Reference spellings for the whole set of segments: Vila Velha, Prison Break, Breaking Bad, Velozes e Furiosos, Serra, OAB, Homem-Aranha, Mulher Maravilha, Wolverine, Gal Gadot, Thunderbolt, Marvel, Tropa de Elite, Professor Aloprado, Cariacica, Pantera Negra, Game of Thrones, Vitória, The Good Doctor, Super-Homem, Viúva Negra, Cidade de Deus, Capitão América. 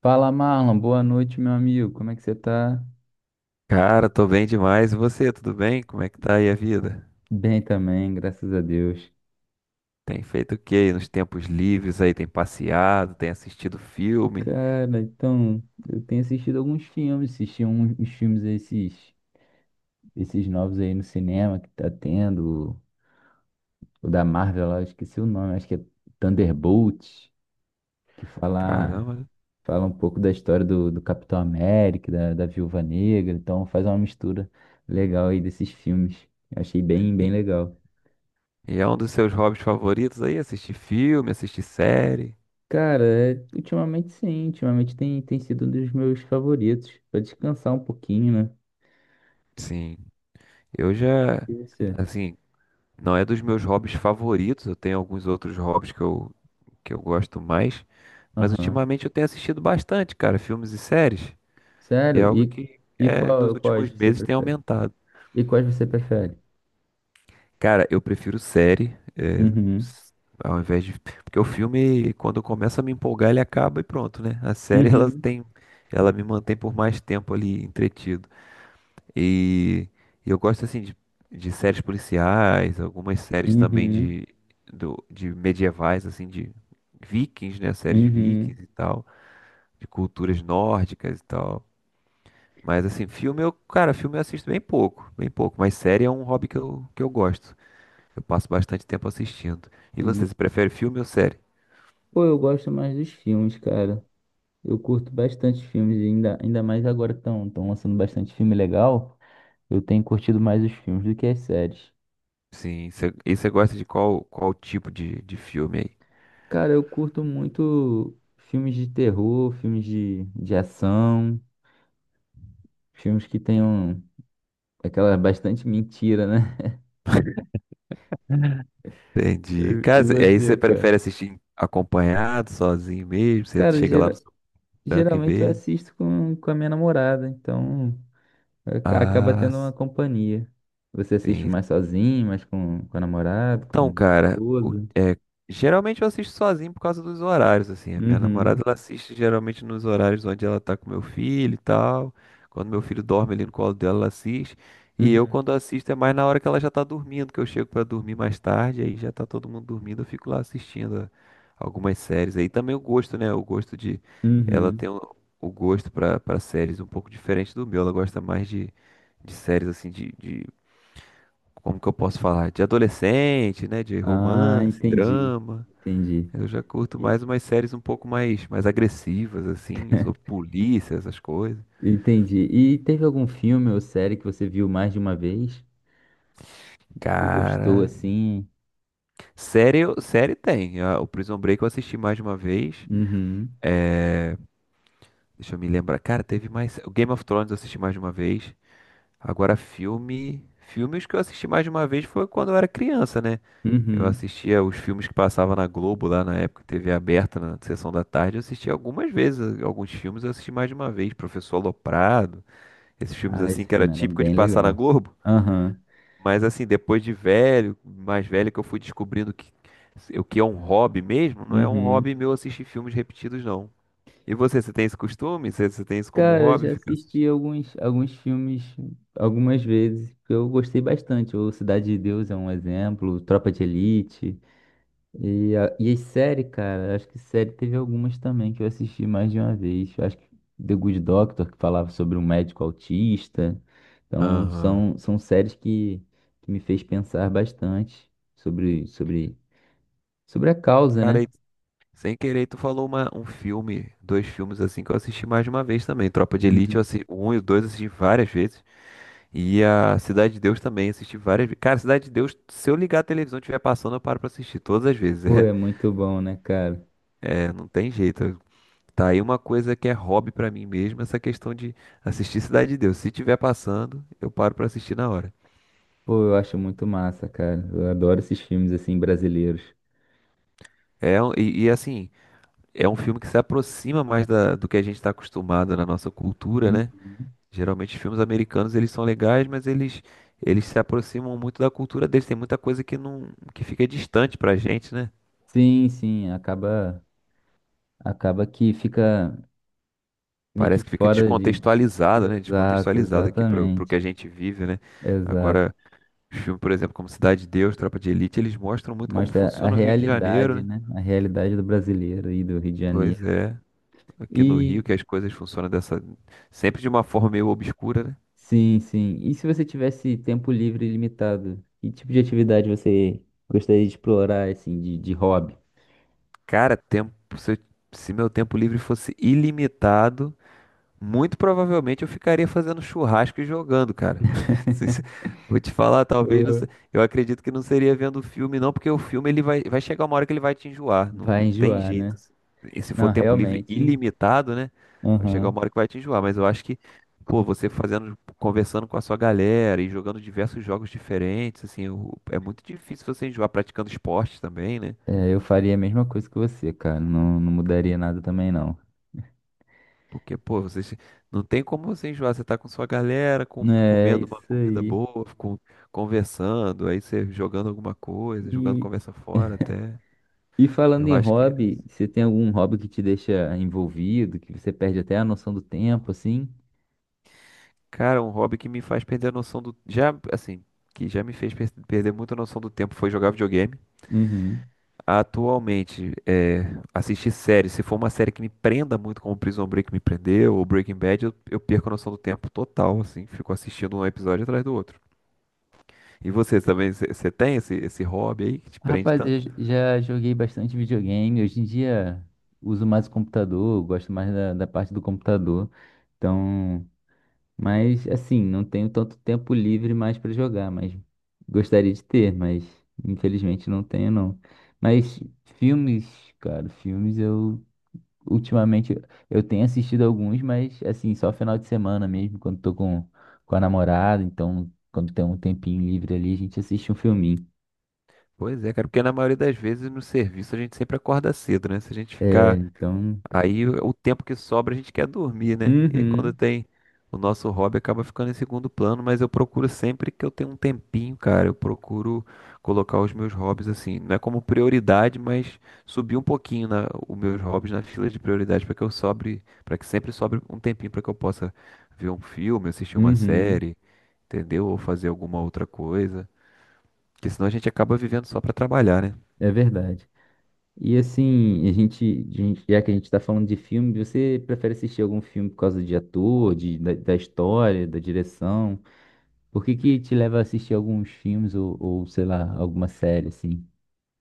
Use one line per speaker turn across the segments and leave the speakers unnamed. Fala, Marlon. Boa noite, meu amigo. Como é que você tá?
Cara, tô bem demais. E você, tudo bem? Como é que tá aí a vida?
Bem também, graças a Deus.
Tem feito o quê aí nos tempos livres aí? Tem passeado, tem assistido filme?
Cara, então, eu tenho assistido alguns filmes, assisti uns filmes esses novos aí no cinema que tá tendo, o da Marvel lá, eu esqueci o nome, acho que é Thunderbolt, que fala,
Caramba.
fala um pouco da história do Capitão América, da Viúva Negra, então faz uma mistura legal aí desses filmes. Eu achei bem,
E,
bem legal.
e é um dos seus hobbies favoritos aí? Assistir filme, assistir série?
Cara, é, ultimamente sim, ultimamente tem sido um dos meus favoritos, pra descansar um pouquinho, né?
Sim. Eu já,
E você?
assim, não é dos meus hobbies favoritos. Eu tenho alguns outros hobbies que eu gosto mais. Mas
Aham.
ultimamente eu tenho assistido bastante, cara, filmes e séries. E é
Sério?
algo
E,
que
e
é, nos
qual, quais
últimos
você
meses tem
prefere?
aumentado.
E quais você prefere?
Cara, eu prefiro série,
Uhum.
s- ao invés de. Porque o filme, quando começa a me empolgar, ele acaba e pronto, né? A série, ela
Uhum.
tem. Ela me mantém por mais tempo ali entretido. E eu gosto, assim, de séries policiais, algumas séries também
Uhum.
de medievais, assim, de vikings, né? Séries
Uhum.
vikings e tal, de culturas nórdicas e tal. Mas, assim, filme eu. Cara, filme eu assisto bem pouco, bem pouco. Mas série é um hobby que eu gosto. Eu passo bastante tempo assistindo. E você,
E,
você prefere filme ou série?
pô, eu gosto mais dos filmes, cara. Eu curto bastante filmes, e ainda mais agora que estão lançando bastante filme legal. Eu tenho curtido mais os filmes do que as séries.
Sim, e você gosta de qual tipo de filme aí?
Cara, eu curto muito filmes de terror, filmes de ação, filmes que tenham aquela bastante mentira, né?
Entendi.
E
Cara, aí
você,
você
cara?
prefere assistir acompanhado, sozinho mesmo? Você
Cara,
chega lá no seu banco e
geralmente eu
vê?
assisto com a minha namorada, então acaba
Ah,
tendo uma companhia. Você assiste
sim.
mais sozinho, mais com a namorada, com a
Então, cara,
esposa?
geralmente eu assisto sozinho por causa dos horários, assim. A minha
Uhum,
namorada, ela assiste geralmente nos horários onde ela tá com meu filho e tal. Quando meu filho dorme ali no colo dela, ela assiste. E eu,
uhum,
quando assisto, é mais na hora que ela já tá dormindo, que eu chego pra dormir mais tarde, aí já tá todo mundo dormindo, eu fico lá assistindo algumas séries. Aí também o gosto, né? O gosto de. Ela
uhum.
tem o gosto pra para séries um pouco diferente do meu. Ela gosta mais de séries, assim, de como que eu posso falar? De adolescente, né? De
Ah,
romance,
entendi,
drama.
entendi.
Eu já curto
E-
mais umas séries um pouco mais, mais agressivas, assim, sobre polícia, essas coisas.
Entendi. E teve algum filme ou série que você viu mais de uma vez? Você gostou
Cara,
assim?
série tem. Ah, o Prison Break eu assisti mais de uma vez.
Uhum,
É, deixa eu me lembrar. Cara, teve mais. O Game of Thrones eu assisti mais de uma vez. Agora, filme. Filmes que eu assisti mais de uma vez foi quando eu era criança, né? Eu
uhum.
assistia os filmes que passava na Globo lá na época, TV aberta, na sessão da tarde. Eu assisti algumas vezes, alguns filmes eu assisti mais de uma vez. Professor Aloprado, esses filmes
Ah,
assim
esse
que era
filme era
típico de
bem
passar na
legal.
Globo.
Aham,
Mas assim, depois de velho, mais velho, que eu fui descobrindo que o que é um hobby mesmo, não é um
uhum.
hobby meu assistir filmes repetidos, não. E você tem esse costume? Você tem isso como
Cara, eu
hobby?
já
Ficar assistindo?
assisti alguns filmes algumas vezes que eu gostei bastante. O Cidade de Deus é um exemplo, Tropa de Elite. E, a, e as séries, cara, acho que série teve algumas também que eu assisti mais de uma vez. Eu acho que The Good Doctor, que falava sobre um médico autista. Então,
Aham.
são séries que me fez pensar bastante sobre sobre a causa, né?
Cara, sem querer, tu falou um filme, dois filmes assim que eu assisti mais de uma vez também. Tropa de Elite, eu assisti
Uhum.
o um e o dois eu assisti várias vezes. E a Cidade de Deus também, assisti várias vezes. Cara, Cidade de Deus, se eu ligar a televisão e estiver passando, eu paro pra assistir todas as vezes.
Pô, é muito bom, né, cara?
É, é, não tem jeito. Tá aí uma coisa que é hobby pra mim mesmo, essa questão de assistir Cidade de Deus. Se tiver passando, eu paro pra assistir na hora.
Pô, eu acho muito massa, cara. Eu adoro esses filmes assim brasileiros.
É, e assim, é um filme que se aproxima mais do que a gente tá acostumado na nossa cultura,
Hum,
né? Geralmente filmes americanos eles são legais, mas eles se aproximam muito da cultura deles. Tem muita coisa que não, que fica distante pra gente, né?
sim, sim, acaba que fica meio que
Parece que fica
fora de
descontextualizado, né?
exato,
Descontextualizado aqui pro que a
exatamente.
gente vive, né?
Exato.
Agora, os filmes, por exemplo, como Cidade de Deus, Tropa de Elite, eles mostram muito como
Mostra a
funciona o Rio de Janeiro,
realidade,
né?
né? A realidade do brasileiro e do Rio de
Pois
Janeiro.
é, aqui no Rio
E
que as coisas funcionam dessa sempre de uma forma meio obscura, né?
sim, sim. E se você tivesse tempo livre ilimitado, que tipo de atividade você gostaria de explorar assim de hobby?
Cara, tempo, se meu tempo livre fosse ilimitado, muito provavelmente eu ficaria fazendo churrasco e jogando, cara. Se- se- Vou te falar, talvez não, eu acredito que não seria vendo o filme, não, porque o filme ele vai chegar uma hora que ele vai te enjoar. Não,
Vai
não tem
enjoar,
jeito,
né?
assim. E se for
Não,
tempo livre
realmente.
ilimitado, né? Vai chegar
Uhum.
uma hora que vai te enjoar. Mas eu acho que, pô, você fazendo, conversando com a sua galera e jogando diversos jogos diferentes, assim, é muito difícil você enjoar praticando esporte também, né?
É, eu faria a mesma coisa que você, cara. Não, não mudaria nada também, não.
Porque, pô, vocês não tem como você enjoar. Você tá com sua galera,
É,
comendo uma
isso
comida
aí.
boa, conversando, aí você jogando alguma coisa, jogando
E,
conversa fora até.
e falando
Eu
em
acho que eles.
hobby, você tem algum hobby que te deixa envolvido, que você perde até a noção do tempo, assim?
Cara, é um hobby que me faz perder a noção do. Já, assim, que já me fez perder muito a noção do tempo foi jogar videogame.
Uhum.
Atualmente, assistir série. Se for uma série que me prenda muito, como Prison Break me prendeu, ou Breaking Bad, eu perco a noção do tempo total, assim. Fico assistindo um episódio atrás do outro. E você também, você tem esse hobby aí que te prende
Rapaz, eu
tanto?
já joguei bastante videogame. Hoje em dia uso mais o computador, gosto mais da parte do computador. Então. Mas assim, não tenho tanto tempo livre mais para jogar, mas gostaria de ter, mas infelizmente não tenho não. Mas filmes, cara, filmes eu ultimamente eu tenho assistido alguns, mas assim, só final de semana mesmo, quando tô com a namorada, então quando tem um tempinho livre ali, a gente assiste um filminho.
Pois é, cara, porque na maioria das vezes no serviço a gente sempre acorda cedo, né? Se a gente
É,
ficar.
então,
Aí o tempo que sobra a gente quer dormir, né? E aí quando
uhum,
tem o nosso hobby acaba ficando em segundo plano, mas eu procuro sempre que eu tenho um tempinho, cara, eu procuro colocar os meus hobbies assim, não é como prioridade, mas subir um pouquinho na, os meus hobbies na fila de prioridade para que eu sobre, para que sempre sobre um tempinho para que eu possa ver um filme, assistir uma
uhum,
série, entendeu? Ou fazer alguma outra coisa, porque senão a gente acaba vivendo só para trabalhar, né?
é verdade. E assim, já que a gente está falando de filme, você prefere assistir algum filme por causa de ator, de, da história, da direção? Por que que te leva a assistir alguns filmes ou sei lá, alguma série assim?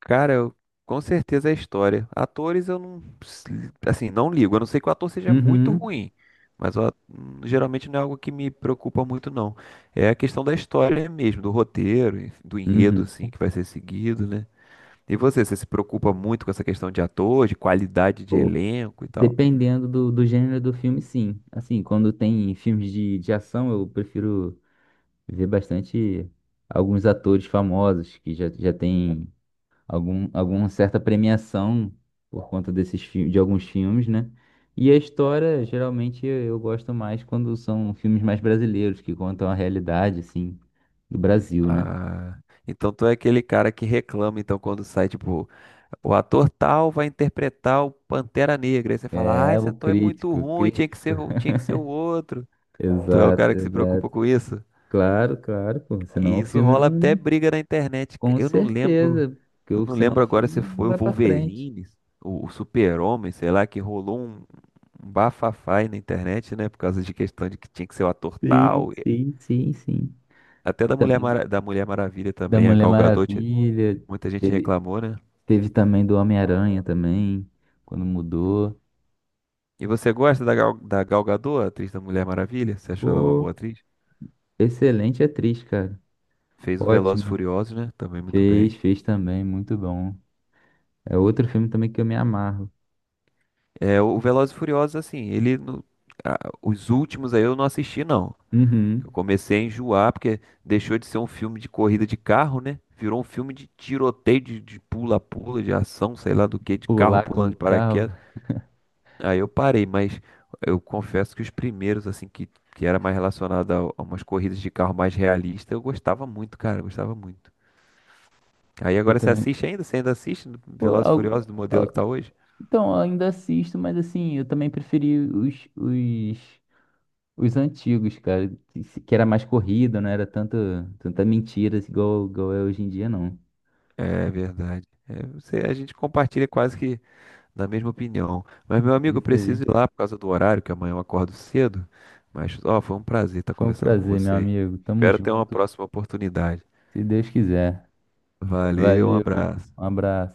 Cara, com certeza é história. Atores eu não, assim, não ligo. Eu não sei que o ator seja muito
Uhum,
ruim, mas geralmente não é algo que me preocupa muito, não. É a questão da história mesmo, do roteiro, enfim, do enredo,
uhum.
assim, que vai ser seguido, né? E você se preocupa muito com essa questão de ator, de qualidade de
Pô,
elenco e tal?
dependendo do gênero do filme, sim. Assim, quando tem filmes de ação, eu prefiro ver bastante alguns atores famosos que já têm algum, alguma certa premiação por conta de alguns filmes, né? E a história, geralmente, eu gosto mais quando são filmes mais brasileiros, que contam a realidade, assim, do Brasil, né?
Ah, então tu é aquele cara que reclama, então, quando sai, tipo, o ator tal vai interpretar o Pantera Negra. Aí você fala, ah,
É,
esse
o
ator é muito
crítico,
ruim, tinha que
crítico.
ser, tinha que ser o outro. Tu é o
Exato,
cara que se preocupa
exato.
com isso?
Claro, claro, pô. Senão
E
o
isso
filme
rola
não.
até briga na internet.
Com
Eu não lembro,
certeza, porque
eu não
senão o
lembro agora
filme
se
não
foi o
vai pra frente.
Wolverine, o Super-Homem, sei lá, que rolou um bafafá aí na internet, né? Por causa de questão de que tinha que ser o ator
Sim,
tal.
sim, sim, sim.
Até da Mulher,
Também
Mara- da Mulher Maravilha
da
também, a
Mulher
Gal Gadot,
Maravilha.
muita gente
Teve,
reclamou, né?
teve também do Homem-Aranha também, quando mudou.
E você gosta da Gal Gadot, a atriz da Mulher Maravilha? Você achou ela uma boa
Pô,
atriz?
excelente atriz, cara.
Fez o Velozes e
Ótima.
Furiosos, né? Também muito
Fez,
bem.
fez também, muito bom. É outro filme também que eu me amarro.
É, o Velozes e Furiosos, assim, ele, os últimos aí eu não assisti, não. Eu
Uhum.
comecei a enjoar, porque deixou de ser um filme de corrida de carro, né? Virou um filme de tiroteio, de pula-pula, de ação, sei lá do que, de carro
Pular com
pulando
o
de
carro.
paraquedas. Aí eu parei, mas eu confesso que os primeiros, assim, que era mais relacionado a umas corridas de carro mais realistas, eu gostava muito, cara, eu gostava muito. Aí
Eu
agora você
também.
assiste ainda? Você ainda assiste
Pô,
Velozes e Furiosos do modelo que
al-
tá hoje?
então, eu ainda assisto, mas assim, eu também preferi os antigos, cara. Que era mais corrida, não era tanto, tanta mentira assim, igual, igual é hoje em dia, não.
É verdade. É, você, a gente compartilha quase que da mesma opinião. Mas, meu amigo, eu
Isso aí.
preciso ir lá por causa do horário, que amanhã eu acordo cedo. Mas, ó, foi um prazer estar
Foi um
conversando com
prazer, meu
você aí.
amigo. Tamo
Espero ter uma
junto,
próxima oportunidade.
se Deus quiser.
Valeu, um
Valeu,
abraço.
um abraço.